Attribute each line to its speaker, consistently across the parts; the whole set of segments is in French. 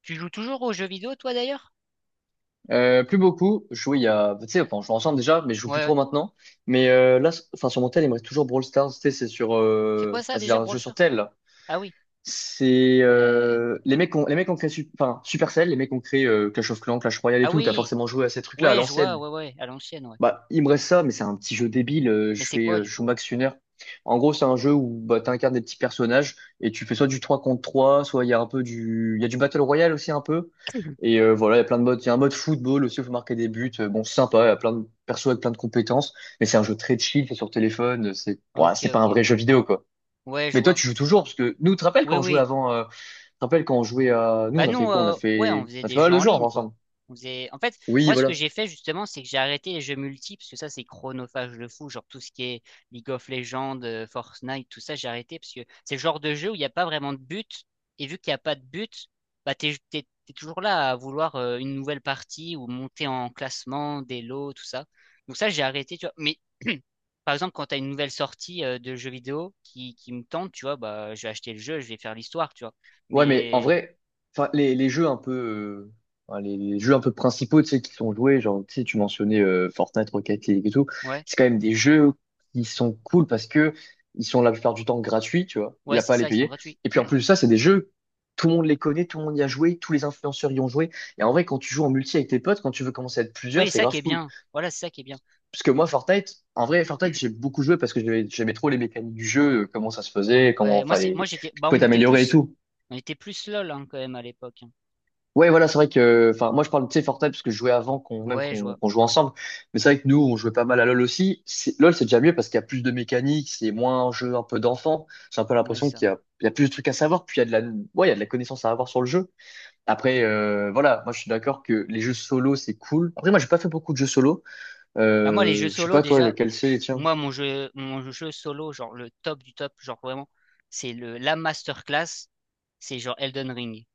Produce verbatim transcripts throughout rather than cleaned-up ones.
Speaker 1: Tu joues toujours aux jeux vidéo, toi d'ailleurs?
Speaker 2: Euh, plus beaucoup. Je jouais il y a, tu sais, enfin, on jouait ensemble déjà, mais je joue plus
Speaker 1: Ouais, ouais.
Speaker 2: trop maintenant. Mais euh, là, s- enfin, sur mon tel, il me reste toujours Brawl Stars. Tu sais, c'est sur,
Speaker 1: C'est quoi
Speaker 2: euh...
Speaker 1: ça
Speaker 2: bah, c'est
Speaker 1: déjà,
Speaker 2: un
Speaker 1: Brawl
Speaker 2: jeu sur
Speaker 1: Stars?
Speaker 2: tel, là.
Speaker 1: Ah oui.
Speaker 2: C'est
Speaker 1: Euh...
Speaker 2: euh... les mecs, ont... les mecs ont créé, Sup- enfin, Supercell, les mecs ont créé euh, Clash of Clans, Clash Royale et
Speaker 1: Ah
Speaker 2: tout. T'as
Speaker 1: oui.
Speaker 2: forcément joué à ces trucs-là à
Speaker 1: Ouais, je vois,
Speaker 2: l'ancienne.
Speaker 1: ouais, ouais, à l'ancienne, ouais.
Speaker 2: Bah, il me reste ça, mais c'est un petit jeu débile. Euh,
Speaker 1: Mais
Speaker 2: je
Speaker 1: c'est
Speaker 2: fais,
Speaker 1: quoi
Speaker 2: euh,
Speaker 1: du
Speaker 2: je joue
Speaker 1: coup?
Speaker 2: Max Sunner. En gros, c'est un jeu où bah, tu incarnes des petits personnages et tu fais soit du trois contre trois, soit il y a un peu du, il y a du Battle Royale aussi un peu. Et euh, voilà, il y a plein de modes. Il y a un mode football aussi où il faut marquer des buts. Euh, Bon, c'est sympa, il y a plein de persos avec plein de compétences, mais c'est un jeu très chill, c'est sur téléphone, c'est bah,
Speaker 1: Ok,
Speaker 2: c'est pas
Speaker 1: ok.
Speaker 2: un vrai jeu vidéo quoi.
Speaker 1: Ouais, je
Speaker 2: Mais toi,
Speaker 1: vois.
Speaker 2: tu joues toujours parce que nous, tu te rappelles
Speaker 1: Oui,
Speaker 2: quand on jouait
Speaker 1: oui.
Speaker 2: avant, euh, tu te rappelles quand on jouait à, nous, on
Speaker 1: Bah
Speaker 2: a fait
Speaker 1: nous,
Speaker 2: quoi? On a
Speaker 1: euh, ouais, on
Speaker 2: fait,
Speaker 1: faisait
Speaker 2: on a fait
Speaker 1: des
Speaker 2: pas
Speaker 1: jeux
Speaker 2: mal de
Speaker 1: en
Speaker 2: jeux
Speaker 1: ligne, quoi.
Speaker 2: ensemble.
Speaker 1: On faisait... En fait,
Speaker 2: Oui,
Speaker 1: moi, ce que
Speaker 2: voilà.
Speaker 1: j'ai fait, justement, c'est que j'ai arrêté les jeux multi, parce que ça, c'est chronophage de fou, genre tout ce qui est League of Legends, euh, Fortnite, tout ça, j'ai arrêté, parce que c'est le genre de jeu où il n'y a pas vraiment de but, et vu qu'il n'y a pas de but, bah t'es, t'es, t'es toujours là à vouloir euh, une nouvelle partie, ou monter en classement, des lots, tout ça. Donc ça, j'ai arrêté, tu vois. Mais, par exemple, quand t'as une nouvelle sortie euh, de jeux vidéo qui, qui me tente, tu vois, bah je vais acheter le jeu, je vais faire l'histoire, tu vois.
Speaker 2: Ouais, mais en
Speaker 1: Mais...
Speaker 2: vrai, enfin, les, les jeux un peu, euh, enfin, les, les jeux un peu principaux, tu sais, qui sont joués, genre, tu sais, tu mentionnais euh, Fortnite, Rocket League et tout,
Speaker 1: ouais.
Speaker 2: c'est quand même des jeux qui sont cool parce que ils sont la plupart du temps gratuits, tu vois, il n'y
Speaker 1: Ouais,
Speaker 2: a
Speaker 1: c'est
Speaker 2: pas à les
Speaker 1: ça, ils sont
Speaker 2: payer.
Speaker 1: gratuits.
Speaker 2: Et puis en plus de ça, c'est des jeux, tout le monde les connaît, tout le monde y a joué, tous les influenceurs y ont joué. Et en vrai, quand tu joues en multi avec tes potes, quand tu veux commencer à être plusieurs,
Speaker 1: Oui, c'est
Speaker 2: c'est
Speaker 1: ça qui
Speaker 2: grave
Speaker 1: est
Speaker 2: cool.
Speaker 1: bien. Voilà, c'est ça qui est bien.
Speaker 2: Parce que moi, Fortnite, en vrai, Fortnite, j'ai beaucoup joué parce que j'aimais j'aimais trop les mécaniques du jeu, euh, comment ça se faisait, comment,
Speaker 1: Ouais, moi
Speaker 2: enfin,
Speaker 1: c'est moi
Speaker 2: les,
Speaker 1: j'étais,
Speaker 2: faut
Speaker 1: bah,
Speaker 2: pouvais
Speaker 1: on était
Speaker 2: t'améliorer et
Speaker 1: plus
Speaker 2: tout.
Speaker 1: on était plus LOL, hein, quand même à l'époque. Hein.
Speaker 2: Ouais, voilà, c'est vrai que, enfin, moi je parle, tu sais, Fortnite parce que je jouais avant qu'on, même
Speaker 1: Ouais, je
Speaker 2: qu'on
Speaker 1: vois.
Speaker 2: qu'on joue ensemble. Mais c'est vrai que nous, on jouait pas mal à LoL aussi. C'est- LoL, c'est déjà mieux parce qu'il y a plus de mécaniques, c'est moins un jeu un peu d'enfant. J'ai un peu
Speaker 1: Ouais, c'est
Speaker 2: l'impression
Speaker 1: ça.
Speaker 2: qu'il y a, il y a plus de trucs à savoir, puis il y a de la, ouais, il y a de la connaissance à avoir sur le jeu. Après, euh, voilà, moi je suis d'accord que les jeux solo, c'est cool. Après, moi j'ai pas fait beaucoup de jeux solo.
Speaker 1: Bah moi les jeux
Speaker 2: Euh, je sais
Speaker 1: solo
Speaker 2: pas, toi,
Speaker 1: déjà,
Speaker 2: quel c'est, tiens.
Speaker 1: moi mon jeu mon jeu solo genre le top du top, genre vraiment, c'est le la masterclass, c'est genre Elden Ring.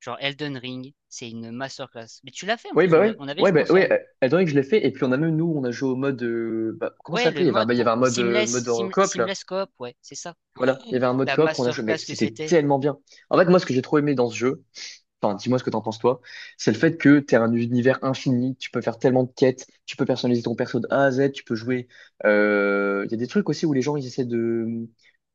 Speaker 1: Genre Elden Ring, c'est une masterclass. Mais tu l'as fait en
Speaker 2: Oui,
Speaker 1: plus,
Speaker 2: bah
Speaker 1: on,
Speaker 2: ouais,
Speaker 1: a- on avait
Speaker 2: ouais,
Speaker 1: joué
Speaker 2: bah ouais,
Speaker 1: ensemble.
Speaker 2: euh, étant donné que je l'ai fait, et puis on a même, nous, on a joué au mode, euh, bah, comment
Speaker 1: Ouais,
Speaker 2: ça
Speaker 1: le
Speaker 2: s'appelait? Il y avait un,
Speaker 1: mode
Speaker 2: bah, il y avait
Speaker 1: pour
Speaker 2: un mode, euh,
Speaker 1: Seamless,
Speaker 2: mode en
Speaker 1: Seam-
Speaker 2: coop, là.
Speaker 1: Seamless Coop, ouais, c'est ça. Oh,
Speaker 2: Voilà, il y avait un mode
Speaker 1: la
Speaker 2: coop, on a joué,
Speaker 1: masterclass
Speaker 2: mais
Speaker 1: que
Speaker 2: c'était
Speaker 1: c'était.
Speaker 2: tellement bien. En fait, moi, ce que j'ai trop aimé dans ce jeu, enfin, dis-moi ce que t'en penses toi, c'est le fait que t'es un univers infini, tu peux faire tellement de quêtes, tu peux personnaliser ton perso de A à Z, tu peux jouer. euh, Il y a des trucs aussi où les gens ils essaient de,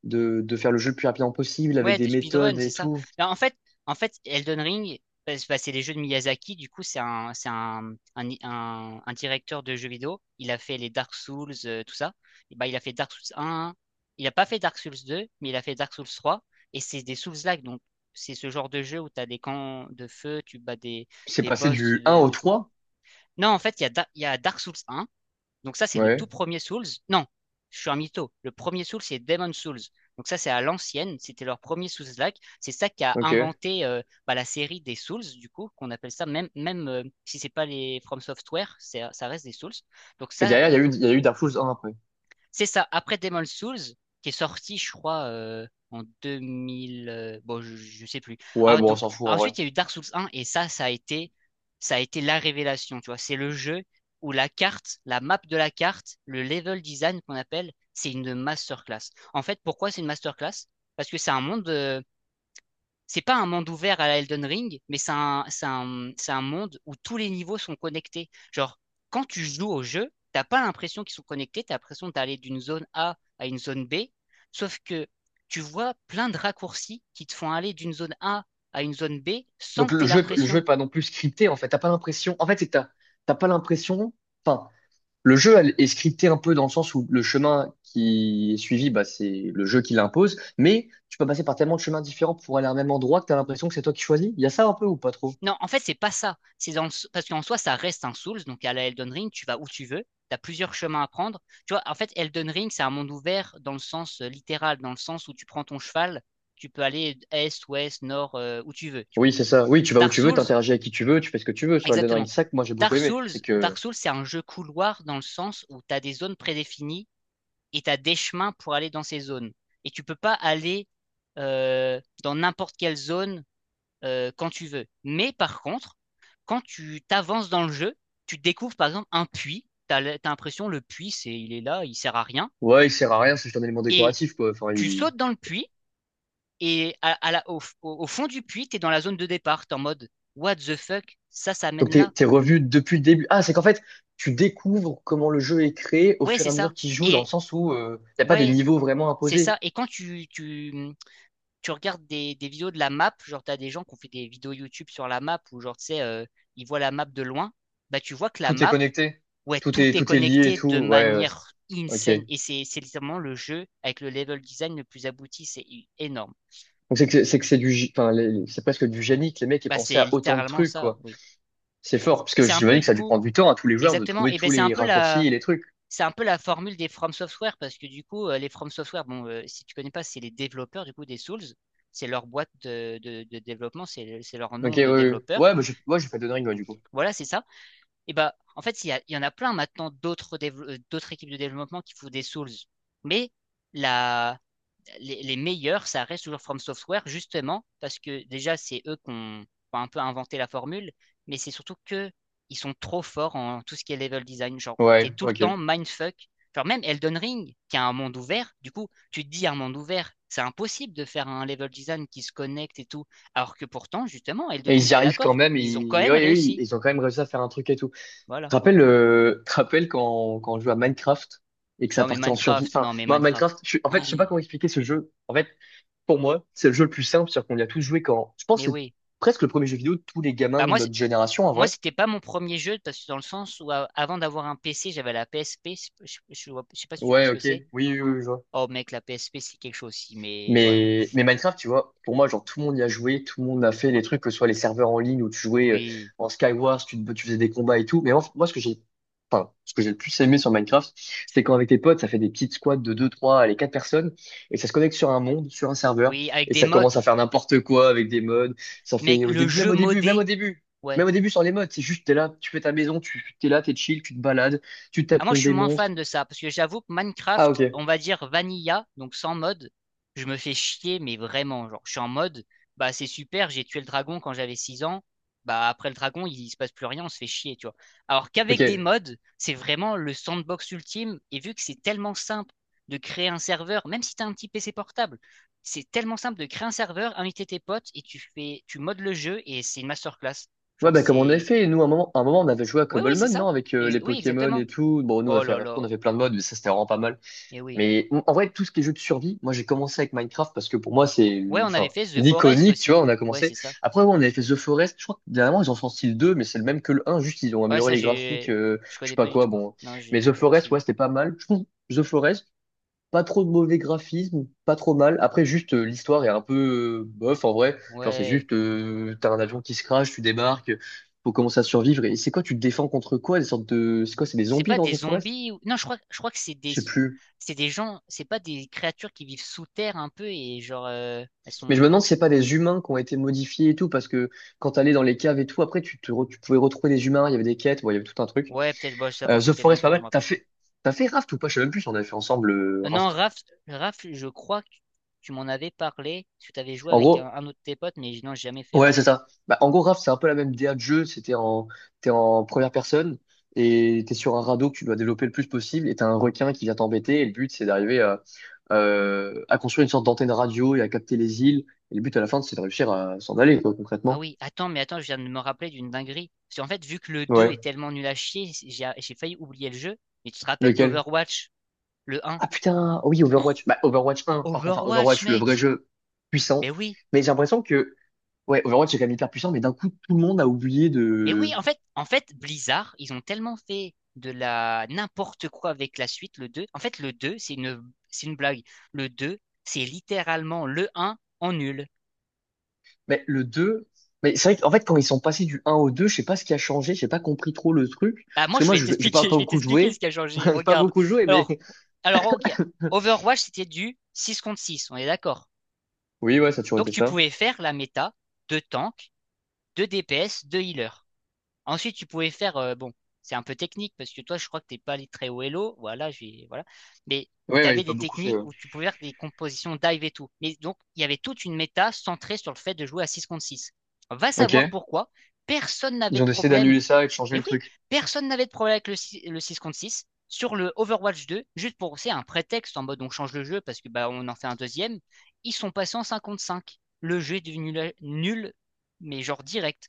Speaker 2: de, de faire le jeu le plus rapidement possible avec
Speaker 1: Ouais,
Speaker 2: des
Speaker 1: de speedrun,
Speaker 2: méthodes
Speaker 1: c'est
Speaker 2: et
Speaker 1: ça.
Speaker 2: tout.
Speaker 1: Là, en fait, en fait, Elden Ring, bah, c'est bah, c'est les jeux de Miyazaki. Du coup, c'est un, c'est un, un, un- un directeur de jeux vidéo. Il a fait les Dark Souls, euh, tout ça. Et bah, il a fait Dark Souls un. Il a pas fait Dark Souls deux, mais il a fait Dark Souls trois. Et c'est des Souls-like. Donc, c'est ce genre de jeu où tu as des camps de feu, tu bats des,
Speaker 2: C'est
Speaker 1: des
Speaker 2: passé
Speaker 1: boss
Speaker 2: du un
Speaker 1: de,
Speaker 2: au
Speaker 1: de fou.
Speaker 2: trois.
Speaker 1: Non, en fait, il y a, Da- il y a Dark Souls un. Donc ça, c'est le tout
Speaker 2: Ouais,
Speaker 1: premier Souls. Non, je suis un mytho. Le premier Souls, c'est Demon Souls. Donc ça, c'est à l'ancienne. C'était leur premier Souls-like. C'est ça qui a
Speaker 2: ok.
Speaker 1: inventé euh, bah, la série des Souls, du coup, qu'on appelle ça, même, même euh, si c'est pas les From Software, c'est- ça reste des Souls. Donc
Speaker 2: Et
Speaker 1: ça,
Speaker 2: derrière, il y a eu, il y a eu Dark Souls un après.
Speaker 1: c'est ça. Après Demon Souls, qui est sorti, je crois, euh, en deux mille. Euh, bon, je, je sais plus.
Speaker 2: Ouais,
Speaker 1: Ah,
Speaker 2: bon, on
Speaker 1: donc,
Speaker 2: s'en fout en vrai.
Speaker 1: ensuite, il y a eu Dark Souls un, et ça, ça a été, ça a été la révélation. Tu vois, c'est le jeu où la carte, la map de la carte, le level design qu'on appelle, c'est une masterclass. En fait, pourquoi c'est une masterclass? Parce que c'est un monde, euh, c'est pas un monde ouvert à la Elden Ring, mais c'est un, c'est un, c'est un monde où tous les niveaux sont connectés. Genre, quand tu joues au jeu, t'as pas l'impression qu'ils sont connectés, t'as l'impression d'aller d'une zone A à une zone B, sauf que tu vois plein de raccourcis qui te font aller d'une zone A à une zone B sans
Speaker 2: Donc
Speaker 1: que
Speaker 2: le
Speaker 1: t'aies
Speaker 2: jeu, le jeu
Speaker 1: l'impression.
Speaker 2: est pas non plus scripté en fait. T'as pas l'impression. En fait, c'est que t'as t'as pas l'impression. Enfin, le jeu elle, est scripté un peu dans le sens où le chemin qui est suivi, bah, c'est le jeu qui l'impose, mais tu peux passer par tellement de chemins différents pour aller à un même endroit que tu as l'impression que c'est toi qui choisis. Il y a ça un peu ou pas trop?
Speaker 1: Non, en fait, c'est pas ça. C'est dans le s- Parce qu'en soi, ça reste un Souls, donc à la Elden Ring, tu vas où tu veux, tu as plusieurs chemins à prendre. Tu vois, en fait, Elden Ring, c'est un monde ouvert dans le sens euh, littéral, dans le sens où tu prends ton cheval, tu peux aller est, ouest, nord, euh, où tu veux, tu vois.
Speaker 2: Oui, c'est ça. Oui, tu vas où
Speaker 1: Dark
Speaker 2: tu veux,
Speaker 1: Souls,
Speaker 2: t'interagis avec qui tu veux, tu fais ce que tu veux. Sur Elden Ring
Speaker 1: exactement.
Speaker 2: cinq, moi j'ai beaucoup
Speaker 1: Dark
Speaker 2: aimé.
Speaker 1: Souls,
Speaker 2: C'est que,
Speaker 1: Dark Souls, c'est un jeu couloir dans le sens où tu as des zones prédéfinies et tu as des chemins pour aller dans ces zones. Et tu peux pas aller euh, dans n'importe quelle zone euh, quand tu veux. Mais par contre, quand tu t'avances dans le jeu, tu découvres par exemple un puits. Tu as l'impression le puits, c'est il est là, il sert à rien.
Speaker 2: ouais, il sert à rien, c'est juste un élément
Speaker 1: Et
Speaker 2: décoratif, quoi. Enfin,
Speaker 1: tu
Speaker 2: il...
Speaker 1: sautes dans le puits et à, à la, au, au, fond du puits, tu es dans la zone de départ. Tu es en mode what the fuck. Ça, ça
Speaker 2: Donc
Speaker 1: mène
Speaker 2: t'es,
Speaker 1: là.
Speaker 2: t'es revu depuis le début. Ah, c'est qu'en fait, tu découvres comment le jeu est créé au
Speaker 1: Ouais,
Speaker 2: fur et
Speaker 1: c'est
Speaker 2: à
Speaker 1: ça.
Speaker 2: mesure qu'il joue, dans le
Speaker 1: Et
Speaker 2: sens où il n'y a pas des
Speaker 1: ouais,
Speaker 2: niveaux vraiment
Speaker 1: c'est
Speaker 2: imposés.
Speaker 1: ça. Et quand tu, tu, tu regardes des, des, vidéos de la map, genre tu as des gens qui ont fait des vidéos YouTube sur la map où genre tu sais, euh, ils voient la map de loin, bah tu vois que la
Speaker 2: Tout est
Speaker 1: map,
Speaker 2: connecté,
Speaker 1: ouais,
Speaker 2: tout
Speaker 1: tout
Speaker 2: est,
Speaker 1: est
Speaker 2: tout est lié et
Speaker 1: connecté
Speaker 2: tout.
Speaker 1: de
Speaker 2: Ouais, ouais. c'est-
Speaker 1: manière
Speaker 2: Ok.
Speaker 1: insane. Et c'est c'est littéralement le jeu avec le level design le plus abouti. C'est énorme.
Speaker 2: Donc c'est que c'est que c'est du, gé- enfin les- les- c'est presque du génie que les mecs aient
Speaker 1: Bah,
Speaker 2: pensé
Speaker 1: c'est
Speaker 2: à autant de
Speaker 1: littéralement
Speaker 2: trucs
Speaker 1: ça,
Speaker 2: quoi.
Speaker 1: oui.
Speaker 2: C'est fort parce
Speaker 1: Et
Speaker 2: que
Speaker 1: c'est un
Speaker 2: j'imagine
Speaker 1: peu,
Speaker 2: que ça
Speaker 1: du
Speaker 2: a dû
Speaker 1: coup,
Speaker 2: prendre du temps à tous les joueurs de
Speaker 1: exactement.
Speaker 2: trouver
Speaker 1: Et ben,
Speaker 2: tous
Speaker 1: c'est un
Speaker 2: les
Speaker 1: peu la,
Speaker 2: raccourcis et les trucs.
Speaker 1: c'est un peu la formule des From Software parce que, du coup, euh, les From Software, bon, euh, si tu connais pas, c'est les développeurs, du coup, des Souls. C'est leur boîte de, de, de développement, c'est c'est leur
Speaker 2: Ok,
Speaker 1: nom
Speaker 2: ouais,
Speaker 1: de
Speaker 2: ouais,
Speaker 1: développeur.
Speaker 2: ouais, bah, j'ai ouais, j'ai fait de dingue ouais, du coup.
Speaker 1: Voilà, c'est ça. Et bah, en fait, il y, a- il y en a plein maintenant d'autres dévelop- euh, d'autres équipes de développement qui font des Souls. Mais la, les, les meilleurs, ça reste toujours From Software, justement, parce que déjà, c'est eux qui ont enfin, un peu inventé la formule, mais c'est surtout que ils sont trop forts en tout ce qui est level design. Genre,
Speaker 2: Ouais,
Speaker 1: t'es tout le
Speaker 2: ok. Et
Speaker 1: temps mindfuck. Genre, même Elden Ring, qui a un monde ouvert, du coup, tu te dis un monde ouvert, c'est impossible de faire un level design qui se connecte et tout. Alors que pourtant, justement, Elden
Speaker 2: ils
Speaker 1: Ring,
Speaker 2: y
Speaker 1: t'es
Speaker 2: arrivent quand
Speaker 1: d'accord,
Speaker 2: même.
Speaker 1: ils ont quand
Speaker 2: Ils,
Speaker 1: même
Speaker 2: ouais, ouais,
Speaker 1: réussi.
Speaker 2: ils ont quand même réussi à faire un truc et tout. Tu
Speaker 1: Voilà.
Speaker 2: te rappelles, euh, te rappelles quand quand on jouait à Minecraft et que ça
Speaker 1: Non, mais
Speaker 2: partait en survie.
Speaker 1: Minecraft,
Speaker 2: Enfin,
Speaker 1: non, mais
Speaker 2: moi
Speaker 1: Minecraft.
Speaker 2: Minecraft, je, suis- en
Speaker 1: Oh,
Speaker 2: fait, je sais pas comment expliquer ce jeu. En fait, pour moi, c'est le jeu le plus simple, c'est-à-dire qu'on y a tous joué quand. Je pense
Speaker 1: mais
Speaker 2: que c'est
Speaker 1: oui.
Speaker 2: presque le premier jeu vidéo de tous les gamins
Speaker 1: Bah,
Speaker 2: de
Speaker 1: moi,
Speaker 2: notre génération en
Speaker 1: Moi,
Speaker 2: vrai.
Speaker 1: c'était pas mon premier jeu parce que dans le sens où a- avant d'avoir un P C, j'avais la P S P. Je, je- je vois- je sais pas si tu vois
Speaker 2: Ouais,
Speaker 1: ce que
Speaker 2: ok.
Speaker 1: c'est.
Speaker 2: Oui, oui, oui, je vois.
Speaker 1: Oh mec, la P S P c'est quelque chose aussi, mais voilà.
Speaker 2: Mais, mais Minecraft, tu vois, pour moi, genre, tout le monde y a joué, tout le monde a fait les trucs, que ce soit les serveurs en ligne où tu jouais euh,
Speaker 1: Oui,
Speaker 2: en Skywars, tu, te- tu faisais des combats et tout. Mais en fait, moi, ce que j'ai, enfin, ce que j'ai le plus aimé sur Minecraft, c'est quand avec tes potes, ça fait des petites squads de deux, trois, allez, quatre personnes, et ça se connecte sur un monde, sur un serveur,
Speaker 1: oui, avec
Speaker 2: et
Speaker 1: des
Speaker 2: ça commence
Speaker 1: mods.
Speaker 2: à faire n'importe quoi avec des mods. Ça
Speaker 1: Mec,
Speaker 2: fait au
Speaker 1: le
Speaker 2: début, même
Speaker 1: jeu
Speaker 2: au début, même au
Speaker 1: modé,
Speaker 2: début. Même
Speaker 1: ouais.
Speaker 2: au début, sans les mods. C'est juste, t'es là, tu fais ta maison, tu, t'es là, t'es chill, tu te balades, tu
Speaker 1: Ah,
Speaker 2: tapes
Speaker 1: moi, je
Speaker 2: contre
Speaker 1: suis
Speaker 2: des
Speaker 1: moins
Speaker 2: monstres.
Speaker 1: fan de ça, parce que j'avoue que
Speaker 2: Ah, ok.
Speaker 1: Minecraft, on va dire vanilla, donc sans mode, je me fais chier, mais vraiment, genre, je suis en mode, bah c'est super, j'ai tué le dragon quand j'avais six ans, bah après le dragon, il, il se passe plus rien, on se fait chier, tu vois. Alors
Speaker 2: Ok.
Speaker 1: qu'avec des mods, c'est vraiment le sandbox ultime, et vu que c'est tellement simple de créer un serveur, même si t'as un petit P C portable, c'est tellement simple de créer un serveur, inviter tes potes, et tu fais, tu modes le jeu, et c'est une masterclass.
Speaker 2: Ouais,
Speaker 1: Genre,
Speaker 2: bah, comme on avait
Speaker 1: c'est...
Speaker 2: fait, nous, à un moment, à un moment, on avait joué à
Speaker 1: Oui, oui,
Speaker 2: Cobble
Speaker 1: c'est
Speaker 2: Mode,
Speaker 1: ça.
Speaker 2: non, avec euh,
Speaker 1: Ex-
Speaker 2: les
Speaker 1: oui,
Speaker 2: Pokémon et
Speaker 1: exactement.
Speaker 2: tout. Bon, nous, on a
Speaker 1: Oh
Speaker 2: fait,
Speaker 1: là
Speaker 2: après, on
Speaker 1: là.
Speaker 2: a fait plein de modes, mais ça, c'était vraiment pas mal.
Speaker 1: Et oui.
Speaker 2: Mais en en vrai, tout ce qui est jeu de survie, moi, j'ai commencé avec Minecraft parce que pour moi, c'est,
Speaker 1: Ouais, on avait
Speaker 2: enfin,
Speaker 1: fait The Forest
Speaker 2: l'iconique, tu vois,
Speaker 1: aussi.
Speaker 2: on a
Speaker 1: Ouais, c'est
Speaker 2: commencé.
Speaker 1: ça.
Speaker 2: Après, ouais, on avait fait The Forest, je crois que dernièrement, ils en sorti le deux mais c'est le même que le un juste, ils ont
Speaker 1: Ouais, ça,
Speaker 2: amélioré les graphiques,
Speaker 1: j'ai,
Speaker 2: euh,
Speaker 1: je
Speaker 2: je sais
Speaker 1: connais
Speaker 2: pas
Speaker 1: pas du
Speaker 2: quoi,
Speaker 1: tout.
Speaker 2: bon.
Speaker 1: Non,
Speaker 2: Mais
Speaker 1: j'ai
Speaker 2: The
Speaker 1: pas
Speaker 2: Forest, ouais,
Speaker 1: suivi.
Speaker 2: c'était pas mal. Je trouve The Forest, pas trop de mauvais graphisme, pas trop mal. Après, juste, euh, l'histoire est un peu euh, bof en vrai. Genre, c'est
Speaker 1: Ouais.
Speaker 2: juste, euh, t'as un avion qui se crache, tu débarques, faut commencer à survivre. Et c'est quoi, tu te défends contre quoi? Des sortes de. C'est quoi, c'est des
Speaker 1: C'est
Speaker 2: zombies
Speaker 1: pas
Speaker 2: dans
Speaker 1: des
Speaker 2: The Forest?
Speaker 1: zombies ou... Non, je crois, je crois que c'est des,
Speaker 2: Je sais plus.
Speaker 1: c'est des gens, c'est pas des créatures qui vivent sous terre un peu et genre, euh, elles
Speaker 2: Mais je me
Speaker 1: sont.
Speaker 2: demande si c'est pas des humains qui ont été modifiés et tout, parce que quand t'allais dans les caves et tout, après, tu, te re- tu pouvais retrouver des humains, il y avait des quêtes, bon, il y avait tout un truc.
Speaker 1: Ouais, peut-être, bah, j'avoue,
Speaker 2: Euh,
Speaker 1: ça
Speaker 2: The
Speaker 1: fait
Speaker 2: Forest, pas
Speaker 1: longtemps, je me
Speaker 2: mal. T'as
Speaker 1: rappelle pas.
Speaker 2: fait. T'as fait Raft ou pas? Je sais même plus si on avait fait ensemble euh,
Speaker 1: Euh, non,
Speaker 2: Raft.
Speaker 1: Raph, Raph, je crois que tu m'en avais parlé, parce que t'avais joué
Speaker 2: En
Speaker 1: avec
Speaker 2: gros,
Speaker 1: un, un autre de tes potes, mais non, j'ai jamais fait
Speaker 2: ouais,
Speaker 1: Raph.
Speaker 2: c'est ça. Bah, en gros, Raft, c'est un peu la même D A de jeu. C'était en, t'es en première personne et t'es sur un radeau que tu dois développer le plus possible et t'as un requin qui vient t'embêter et le but, c'est d'arriver à, euh, à construire une sorte d'antenne radio et à capter les îles. Et le but à la fin, c'est de réussir à s'en aller, quoi,
Speaker 1: Ah
Speaker 2: concrètement.
Speaker 1: oui, attends, mais attends, je viens de me rappeler d'une dinguerie. Parce qu'en fait, vu que le deux est
Speaker 2: Ouais.
Speaker 1: tellement nul à chier, j'ai j'ai failli oublier le jeu. Mais tu te rappelles
Speaker 2: Lequel?
Speaker 1: d'Overwatch, le un?
Speaker 2: Ah putain, oh oui,
Speaker 1: Oh,
Speaker 2: Overwatch. Bah, Overwatch un, par contre, enfin,
Speaker 1: Overwatch,
Speaker 2: Overwatch, le vrai
Speaker 1: mec!
Speaker 2: jeu puissant.
Speaker 1: Mais oui,
Speaker 2: Mais j'ai l'impression que, ouais, Overwatch est quand même hyper puissant, mais d'un coup, tout le monde a oublié
Speaker 1: mais oui,
Speaker 2: de...
Speaker 1: en fait, en fait, Blizzard, ils ont tellement fait de la n'importe quoi avec la suite, le deux. En fait, le deux, c'est une, c'est une blague. Le deux, c'est littéralement le un en nul.
Speaker 2: Mais le deux mais c'est vrai qu'en fait, quand ils sont passés du un au deux je sais pas ce qui a changé, j'ai pas compris trop le truc.
Speaker 1: Ah,
Speaker 2: Parce
Speaker 1: moi,
Speaker 2: que
Speaker 1: je
Speaker 2: moi,
Speaker 1: vais
Speaker 2: je- j'ai pas,
Speaker 1: t'expliquer, je
Speaker 2: pas
Speaker 1: vais
Speaker 2: beaucoup
Speaker 1: t'expliquer ce
Speaker 2: joué.
Speaker 1: qui a changé.
Speaker 2: J'ai pas
Speaker 1: Regarde.
Speaker 2: beaucoup joué, mais.
Speaker 1: Alors, alors, ok. Overwatch, c'était du six contre six, on est d'accord?
Speaker 2: Oui, ouais, ça a toujours
Speaker 1: Donc
Speaker 2: été
Speaker 1: tu
Speaker 2: ça.
Speaker 1: pouvais faire la méta de tank, de D P S, de healer. Ensuite, tu pouvais faire, euh, bon, c'est un peu technique parce que toi, je crois que t'es pas allé très haut Elo, voilà, j'ai, voilà. Mais
Speaker 2: Ouais,
Speaker 1: tu
Speaker 2: ouais, j'ai
Speaker 1: avais
Speaker 2: pas
Speaker 1: des
Speaker 2: beaucoup fait,
Speaker 1: techniques
Speaker 2: ouais.
Speaker 1: où tu pouvais faire des compositions dive et tout. Mais donc, il y avait toute une méta centrée sur le fait de jouer à six contre six. Va savoir
Speaker 2: Ok.
Speaker 1: pourquoi. Personne
Speaker 2: Ils
Speaker 1: n'avait de
Speaker 2: ont décidé
Speaker 1: problème.
Speaker 2: d'annuler ça et de changer
Speaker 1: Mais
Speaker 2: le
Speaker 1: oui,
Speaker 2: truc.
Speaker 1: personne n'avait de problème avec le, si- le six contre six sur le Overwatch deux, juste pour, c'est un prétexte en mode on change le jeu parce que bah on en fait un deuxième, ils sont passés en cinq contre cinq. Le jeu est devenu la- nul, mais genre direct.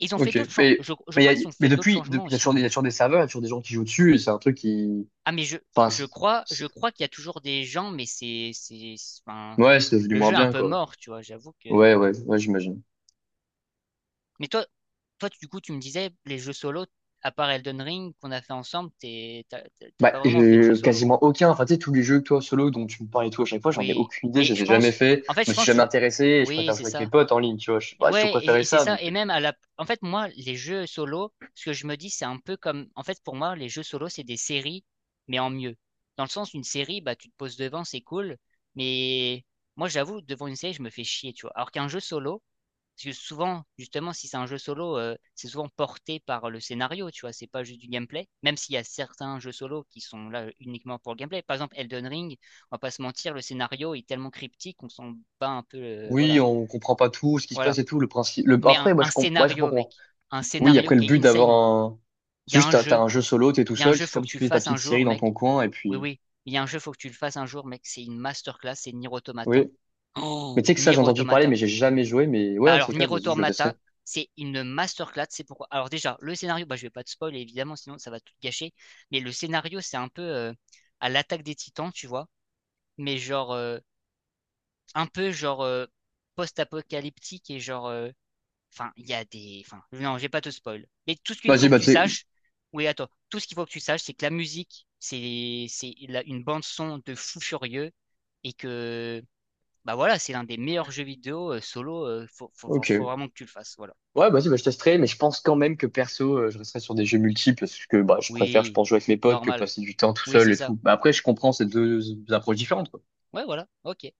Speaker 1: Ils ont fait
Speaker 2: Ok.
Speaker 1: d'autres changements.
Speaker 2: Mais,
Speaker 1: Je, je
Speaker 2: mais, y
Speaker 1: crois
Speaker 2: a-
Speaker 1: qu'ils ont
Speaker 2: mais
Speaker 1: fait d'autres
Speaker 2: depuis,
Speaker 1: changements
Speaker 2: depuis, il y a
Speaker 1: aussi,
Speaker 2: toujours, des- y a
Speaker 1: mais.
Speaker 2: toujours des serveurs, il y a toujours des gens qui jouent dessus, et c'est un truc qui.
Speaker 1: Ah, mais je,
Speaker 2: Enfin,
Speaker 1: je
Speaker 2: c'est-
Speaker 1: crois,
Speaker 2: c'est-
Speaker 1: je crois qu'il y a toujours des gens, mais c'est, c'est, c'est- enfin,
Speaker 2: ouais, c'est devenu
Speaker 1: le
Speaker 2: moins
Speaker 1: jeu est un
Speaker 2: bien,
Speaker 1: peu
Speaker 2: quoi.
Speaker 1: mort, tu vois, j'avoue que.
Speaker 2: Ouais, ouais, ouais, j'imagine.
Speaker 1: Mais toi, toi, du coup, tu me disais, les jeux solo, à part Elden Ring qu'on a fait ensemble, t'es, t'as, t'as
Speaker 2: Bah,
Speaker 1: pas vraiment fait de
Speaker 2: j'ai
Speaker 1: jeu solo.
Speaker 2: quasiment aucun. Enfin, tu sais, tous les jeux que toi, solo, dont tu me parles et tout, à chaque fois, j'en ai
Speaker 1: Oui.
Speaker 2: aucune idée,
Speaker 1: Mais
Speaker 2: je les
Speaker 1: je
Speaker 2: ai jamais
Speaker 1: pense,
Speaker 2: fait, je
Speaker 1: en fait,
Speaker 2: me
Speaker 1: je
Speaker 2: suis
Speaker 1: pense,
Speaker 2: jamais
Speaker 1: que-
Speaker 2: intéressé, et je
Speaker 1: oui,
Speaker 2: préfère
Speaker 1: c'est
Speaker 2: jouer avec mes
Speaker 1: ça.
Speaker 2: potes en ligne, tu vois. Je, bah, je tout
Speaker 1: Ouais, et,
Speaker 2: préférais
Speaker 1: et c'est
Speaker 2: ça,
Speaker 1: ça.
Speaker 2: donc.
Speaker 1: Et
Speaker 2: euh,
Speaker 1: même à la, en fait, moi, les jeux solo, ce que je me dis, c'est un peu comme, en fait, pour moi, les jeux solo, c'est des séries, mais en mieux. Dans le sens, une série, bah, tu te poses devant, c'est cool. Mais moi, j'avoue, devant une série, je me fais chier, tu vois. Alors qu'un jeu solo, parce que souvent, justement, si c'est un jeu solo, euh, c'est souvent porté par le scénario, tu vois. C'est pas juste du gameplay. Même s'il y a certains jeux solo qui sont là uniquement pour le gameplay. Par exemple, Elden Ring, on va pas se mentir, le scénario est tellement cryptique qu'on s'en bat un peu, euh, voilà.
Speaker 2: Oui, on comprend pas tout, ce qui se
Speaker 1: Voilà,
Speaker 2: passe et tout, le principe. Le...
Speaker 1: mais un,
Speaker 2: Après, moi,
Speaker 1: un
Speaker 2: je comprends. Ouais, je
Speaker 1: scénario,
Speaker 2: comprends.
Speaker 1: mec. Un
Speaker 2: Oui,
Speaker 1: scénario
Speaker 2: après, le
Speaker 1: qui
Speaker 2: but
Speaker 1: est
Speaker 2: d'avoir
Speaker 1: insane.
Speaker 2: un.
Speaker 1: Il y
Speaker 2: C'est
Speaker 1: a un
Speaker 2: juste, t'as, t'as
Speaker 1: jeu.
Speaker 2: un jeu solo, t'es tout
Speaker 1: Il y a un
Speaker 2: seul,
Speaker 1: jeu,
Speaker 2: c'est
Speaker 1: faut que
Speaker 2: comme si
Speaker 1: tu le
Speaker 2: tu fais ta
Speaker 1: fasses un
Speaker 2: petite
Speaker 1: jour,
Speaker 2: série dans
Speaker 1: mec.
Speaker 2: ton coin, et
Speaker 1: Oui,
Speaker 2: puis.
Speaker 1: oui. Il y a un jeu, faut que tu le fasses un jour, mec. C'est une masterclass, c'est Nier Automata.
Speaker 2: Oui.
Speaker 1: Oh,
Speaker 2: Mais tu sais que ça,
Speaker 1: Nier
Speaker 2: j'ai entendu parler,
Speaker 1: Automata.
Speaker 2: mais j'ai jamais joué, mais ouais,
Speaker 1: Bah
Speaker 2: un de
Speaker 1: alors,
Speaker 2: ces
Speaker 1: Nier
Speaker 2: quatre, vas-y, je le testerai.
Speaker 1: Automata, c'est une masterclass. C'est pourquoi. Alors déjà, le scénario, bah je vais pas te spoiler, évidemment, sinon ça va tout gâcher. Mais le scénario, c'est un peu euh, à l'attaque des Titans, tu vois. Mais genre, euh, un peu genre euh, post-apocalyptique et genre euh, enfin, il y a des. Enfin, non, je vais pas te spoil. Mais tout ce qu'il
Speaker 2: Vas-y,
Speaker 1: faut que
Speaker 2: bah,
Speaker 1: tu
Speaker 2: tu sais.
Speaker 1: saches. Oui, attends. Tout ce qu'il faut que tu saches, c'est que la musique, c'est c'est la- une bande son de fou furieux et que bah voilà, c'est l'un des meilleurs jeux vidéo euh, solo. euh, faut, faut
Speaker 2: Ok.
Speaker 1: faut vraiment que tu le fasses. Voilà.
Speaker 2: Ouais, vas-y, bah, je testerai, mais je pense quand même que perso, euh, je resterai sur des jeux multi parce que bah, je préfère, je
Speaker 1: Oui,
Speaker 2: pense, jouer avec mes potes que
Speaker 1: normal.
Speaker 2: passer du temps tout
Speaker 1: Oui,
Speaker 2: seul
Speaker 1: c'est
Speaker 2: et
Speaker 1: ça.
Speaker 2: tout. Bah, après, je comprends ces deux approches différentes, quoi.
Speaker 1: Ouais, voilà. Ok.